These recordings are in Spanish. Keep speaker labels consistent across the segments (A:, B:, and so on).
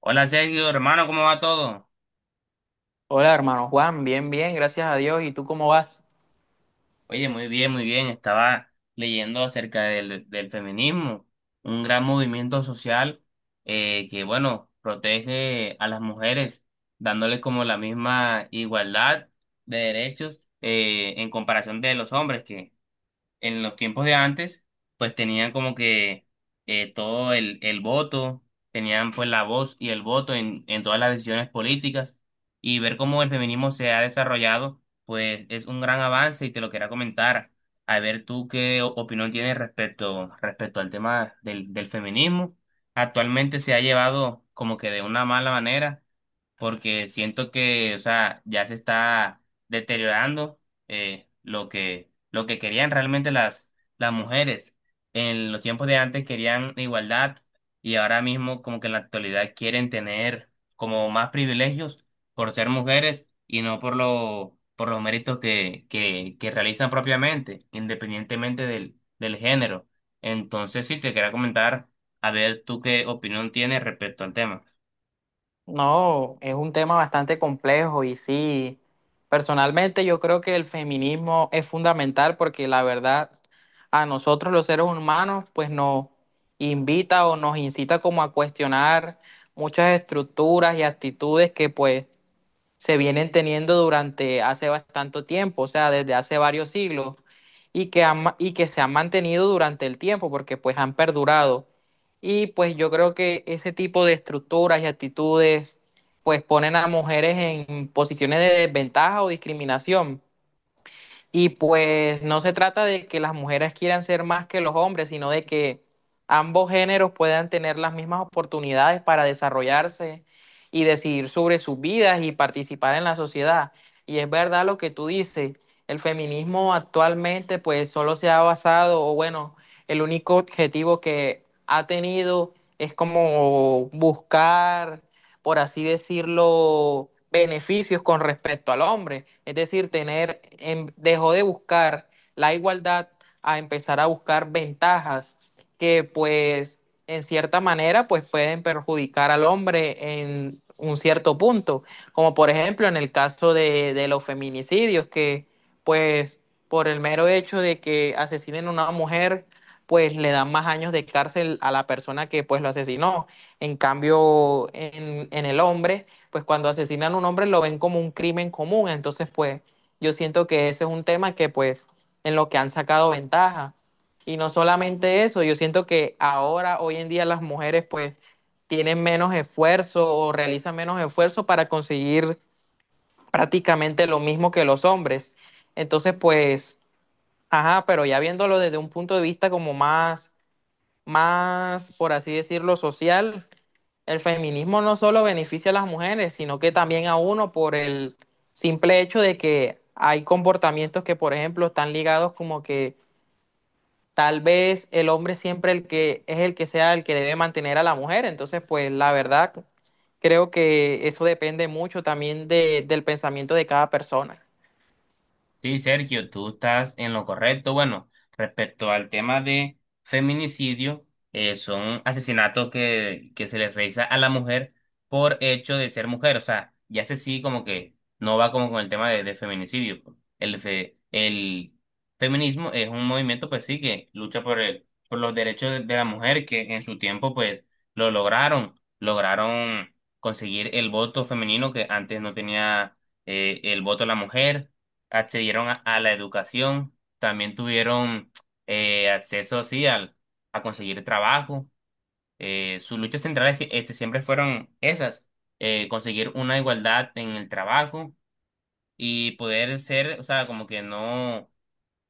A: Hola Sergio, hermano, ¿cómo va todo?
B: Hola, hermano Juan, bien, bien, gracias a Dios. ¿Y tú cómo vas?
A: Oye, muy bien, muy bien. Estaba leyendo acerca del feminismo, un gran movimiento social que, bueno, protege a las mujeres, dándoles como la misma igualdad de derechos, en comparación de los hombres, que en los tiempos de antes, pues tenían como que todo el voto, tenían pues la voz y el voto en todas las decisiones políticas y ver cómo el feminismo se ha desarrollado, pues es un gran avance y te lo quería comentar. A ver tú qué opinión tienes respecto al tema del feminismo. Actualmente se ha llevado como que de una mala manera porque siento que, o sea, ya se está deteriorando, eh, lo que lo que querían realmente las mujeres. En los tiempos de antes querían igualdad y ahora mismo como que en la actualidad quieren tener como más privilegios por ser mujeres y no por por los méritos que realizan propiamente, independientemente del género. Entonces sí, te quería comentar, a ver tú qué opinión tienes respecto al tema.
B: No, es un tema bastante complejo y sí, personalmente yo creo que el feminismo es fundamental porque la verdad a nosotros los seres humanos pues nos invita o nos incita como a cuestionar muchas estructuras y actitudes que pues se vienen teniendo durante hace bastante tiempo, o sea, desde hace varios siglos, y que, y que se han mantenido durante el tiempo, porque pues han perdurado. Y pues yo creo que ese tipo de estructuras y actitudes pues ponen a mujeres en posiciones de desventaja o discriminación. Y pues no se trata de que las mujeres quieran ser más que los hombres, sino de que ambos géneros puedan tener las mismas oportunidades para desarrollarse y decidir sobre sus vidas y participar en la sociedad. Y es verdad lo que tú dices, el feminismo actualmente pues solo se ha basado, o bueno, el único objetivo que ha tenido es como buscar, por así decirlo, beneficios con respecto al hombre. Es decir, tener, dejó de buscar la igualdad a empezar a buscar ventajas que pues en cierta manera pues pueden perjudicar al hombre en un cierto punto, como por ejemplo en el caso de los feminicidios, que pues por el mero hecho de que asesinen a una mujer, pues le dan más años de cárcel a la persona que pues lo asesinó. En cambio, en el hombre, pues cuando asesinan a un hombre lo ven como un crimen común. Entonces, pues yo siento que ese es un tema que, pues, en lo que han sacado ventaja. Y no solamente eso, yo siento que ahora, hoy en día, las mujeres, pues, tienen menos esfuerzo o realizan menos esfuerzo para conseguir prácticamente lo mismo que los hombres. Entonces, pues, ajá, pero ya viéndolo desde un punto de vista como más, más, por así decirlo, social, el feminismo no solo beneficia a las mujeres, sino que también a uno por el simple hecho de que hay comportamientos que, por ejemplo, están ligados como que tal vez el hombre siempre, el que es, el que sea el que debe mantener a la mujer. Entonces, pues la verdad, creo que eso depende mucho también del pensamiento de cada persona.
A: Sí, Sergio, tú estás en lo correcto. Bueno, respecto al tema de feminicidio, son asesinatos que se les realiza a la mujer por hecho de ser mujer. O sea, ya sé sí, como que no va como con el tema de feminicidio. El feminismo es un movimiento, pues sí, que lucha por los derechos de la mujer, que en su tiempo, pues, lo lograron. Lograron conseguir el voto femenino que antes no tenía, el voto la mujer, accedieron a la educación, también tuvieron acceso sí, al, a conseguir trabajo. Sus luchas centrales, este, siempre fueron esas, conseguir una igualdad en el trabajo y poder ser, o sea, como que no,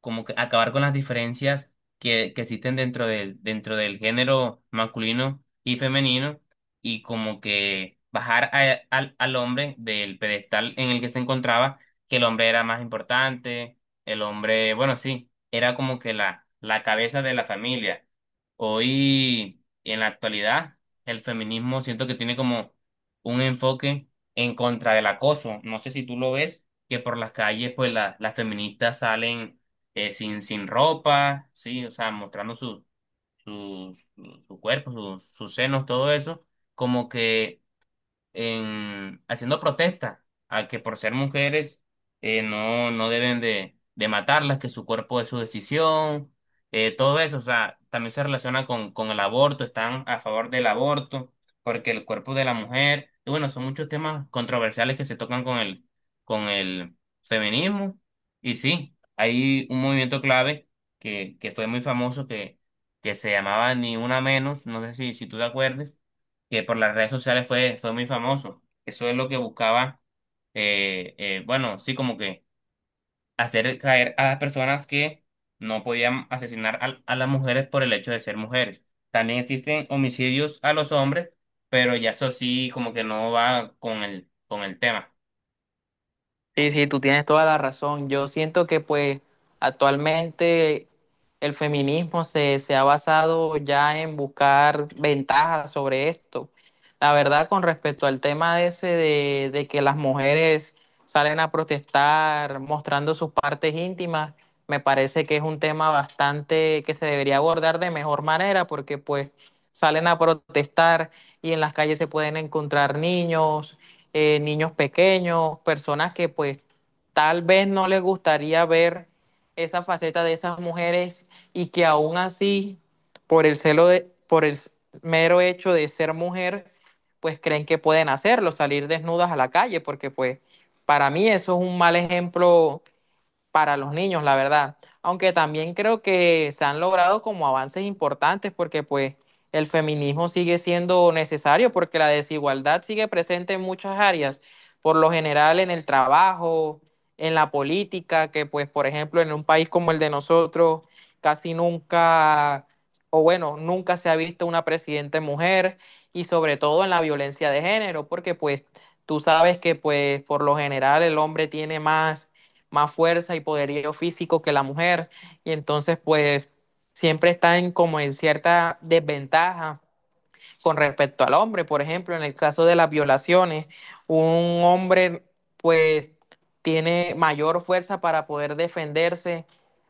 A: como que acabar con las diferencias que existen dentro del género masculino y femenino, y como que bajar al hombre del pedestal en el que se encontraba, que el hombre era más importante, el hombre, bueno, sí, era como que la cabeza de la familia. Hoy, en la actualidad, el feminismo siento que tiene como un enfoque en contra del acoso. No sé si tú lo ves, que por las calles, pues las feministas salen sin ropa, sí, o sea, mostrando su cuerpo, sus senos, todo eso, como que en, haciendo protesta a que por ser mujeres, no deben de matarlas, que su cuerpo es su decisión, todo eso, o sea, también se relaciona con el aborto, están a favor del aborto, porque el cuerpo de la mujer, y bueno, son muchos temas controversiales que se tocan con el feminismo, y sí, hay un movimiento clave que fue muy famoso que se llamaba Ni Una Menos, no sé si tú te acuerdes, que por las redes sociales fue muy famoso. Eso es lo que buscaba, bueno, sí, como que hacer caer a las personas que no podían asesinar las mujeres por el hecho de ser mujeres. También existen homicidios a los hombres, pero ya eso sí, como que no va con el tema.
B: Sí, sí, tú tienes toda la razón. Yo siento que pues actualmente el feminismo se ha basado ya en buscar ventajas sobre esto. La verdad, con respecto al tema ese de que las mujeres salen a protestar mostrando sus partes íntimas, me parece que es un tema bastante que se debería abordar de mejor manera porque pues salen a protestar y en las calles se pueden encontrar niños, niños pequeños, personas que pues tal vez no les gustaría ver esa faceta de esas mujeres y que aún así, por el celo de, por el mero hecho de ser mujer, pues creen que pueden hacerlo, salir desnudas a la calle, porque pues para mí eso es un mal ejemplo para los niños, la verdad. Aunque también creo que se han logrado como avances importantes porque pues el feminismo sigue siendo necesario porque la desigualdad sigue presente en muchas áreas, por lo general en el trabajo, en la política, que pues por ejemplo en un país como el de nosotros casi nunca, o bueno, nunca se ha visto una presidenta mujer y sobre todo en la violencia de género porque pues tú sabes que pues por lo general el hombre tiene más, más fuerza y poderío físico que la mujer, y entonces pues siempre están como en cierta desventaja con respecto al hombre. Por ejemplo, en el caso de las violaciones, un hombre pues tiene mayor fuerza para poder defenderse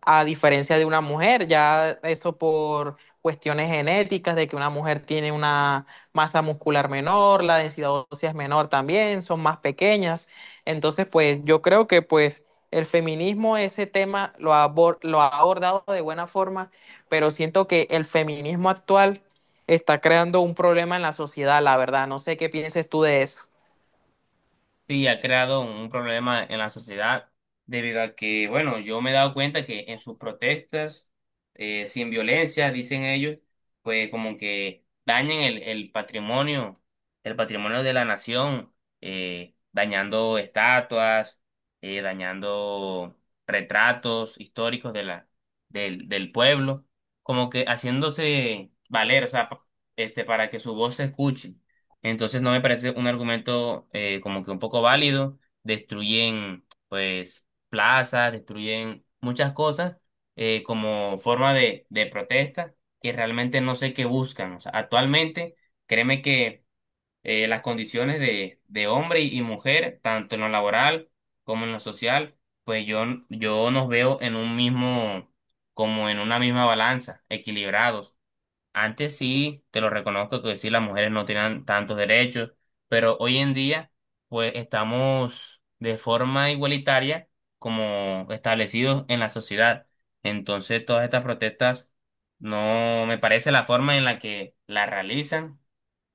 B: a diferencia de una mujer, ya eso por cuestiones genéticas, de que una mujer tiene una masa muscular menor, la densidad ósea es menor también, son más pequeñas. Entonces, pues yo creo que pues el feminismo ese tema lo ha, lo ha abordado de buena forma, pero siento que el feminismo actual está creando un problema en la sociedad, la verdad. No sé qué pienses tú de eso.
A: Sí, ha creado un problema en la sociedad debido a que, bueno, yo me he dado cuenta que en sus protestas, sin violencia, dicen ellos, pues como que dañan el patrimonio de la nación, dañando estatuas, dañando retratos históricos de la, del pueblo, como que haciéndose valer, o sea, este, para que su voz se escuche. Entonces no me parece un argumento, como que un poco válido. Destruyen pues plazas, destruyen muchas cosas, como forma de protesta, que realmente no sé qué buscan. O sea, actualmente créeme que, las condiciones de hombre y mujer, tanto en lo laboral como en lo social, pues yo nos veo en un mismo, como en una misma balanza, equilibrados. Antes sí, te lo reconozco que sí, las mujeres no tenían tantos derechos, pero hoy en día, pues estamos de forma igualitaria, como establecidos en la sociedad. Entonces, todas estas protestas, no me parece la forma en la que las realizan,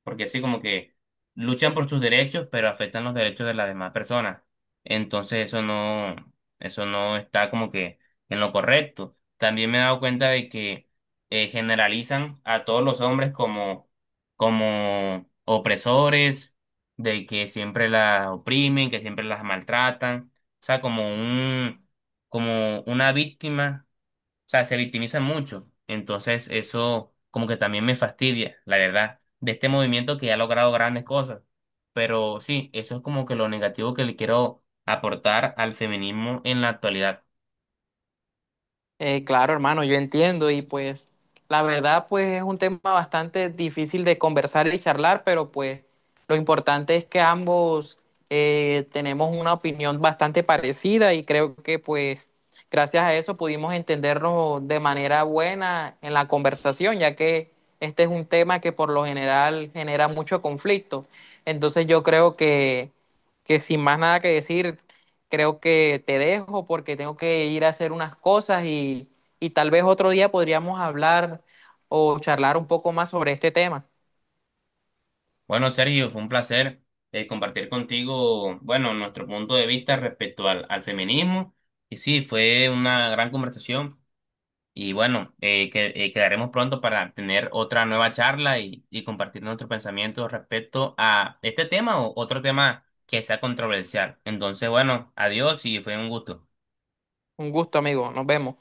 A: porque así como que luchan por sus derechos, pero afectan los derechos de las demás personas. Entonces eso no está como que en lo correcto. También me he dado cuenta de que, generalizan a todos los hombres como, como opresores, de que siempre las oprimen, que siempre las maltratan, o sea, como un, como una víctima, o sea, se victimizan mucho. Entonces, eso como que también me fastidia, la verdad, de este movimiento que ha logrado grandes cosas. Pero sí, eso es como que lo negativo que le quiero aportar al feminismo en la actualidad.
B: Claro, hermano, yo entiendo y pues la verdad pues es un tema bastante difícil de conversar y charlar, pero pues lo importante es que ambos tenemos una opinión bastante parecida y creo que pues gracias a eso pudimos entendernos de manera buena en la conversación, ya que este es un tema que por lo general genera mucho conflicto. Entonces yo creo que sin más nada que decir, creo que te dejo porque tengo que ir a hacer unas cosas y tal vez otro día podríamos hablar o charlar un poco más sobre este tema.
A: Bueno, Sergio, fue un placer compartir contigo, bueno, nuestro punto de vista respecto al feminismo. Y sí, fue una gran conversación. Y bueno, quedaremos pronto para tener otra nueva charla y compartir nuestros pensamientos respecto a este tema o otro tema que sea controversial. Entonces, bueno, adiós y fue un gusto.
B: Un gusto, amigo. Nos vemos.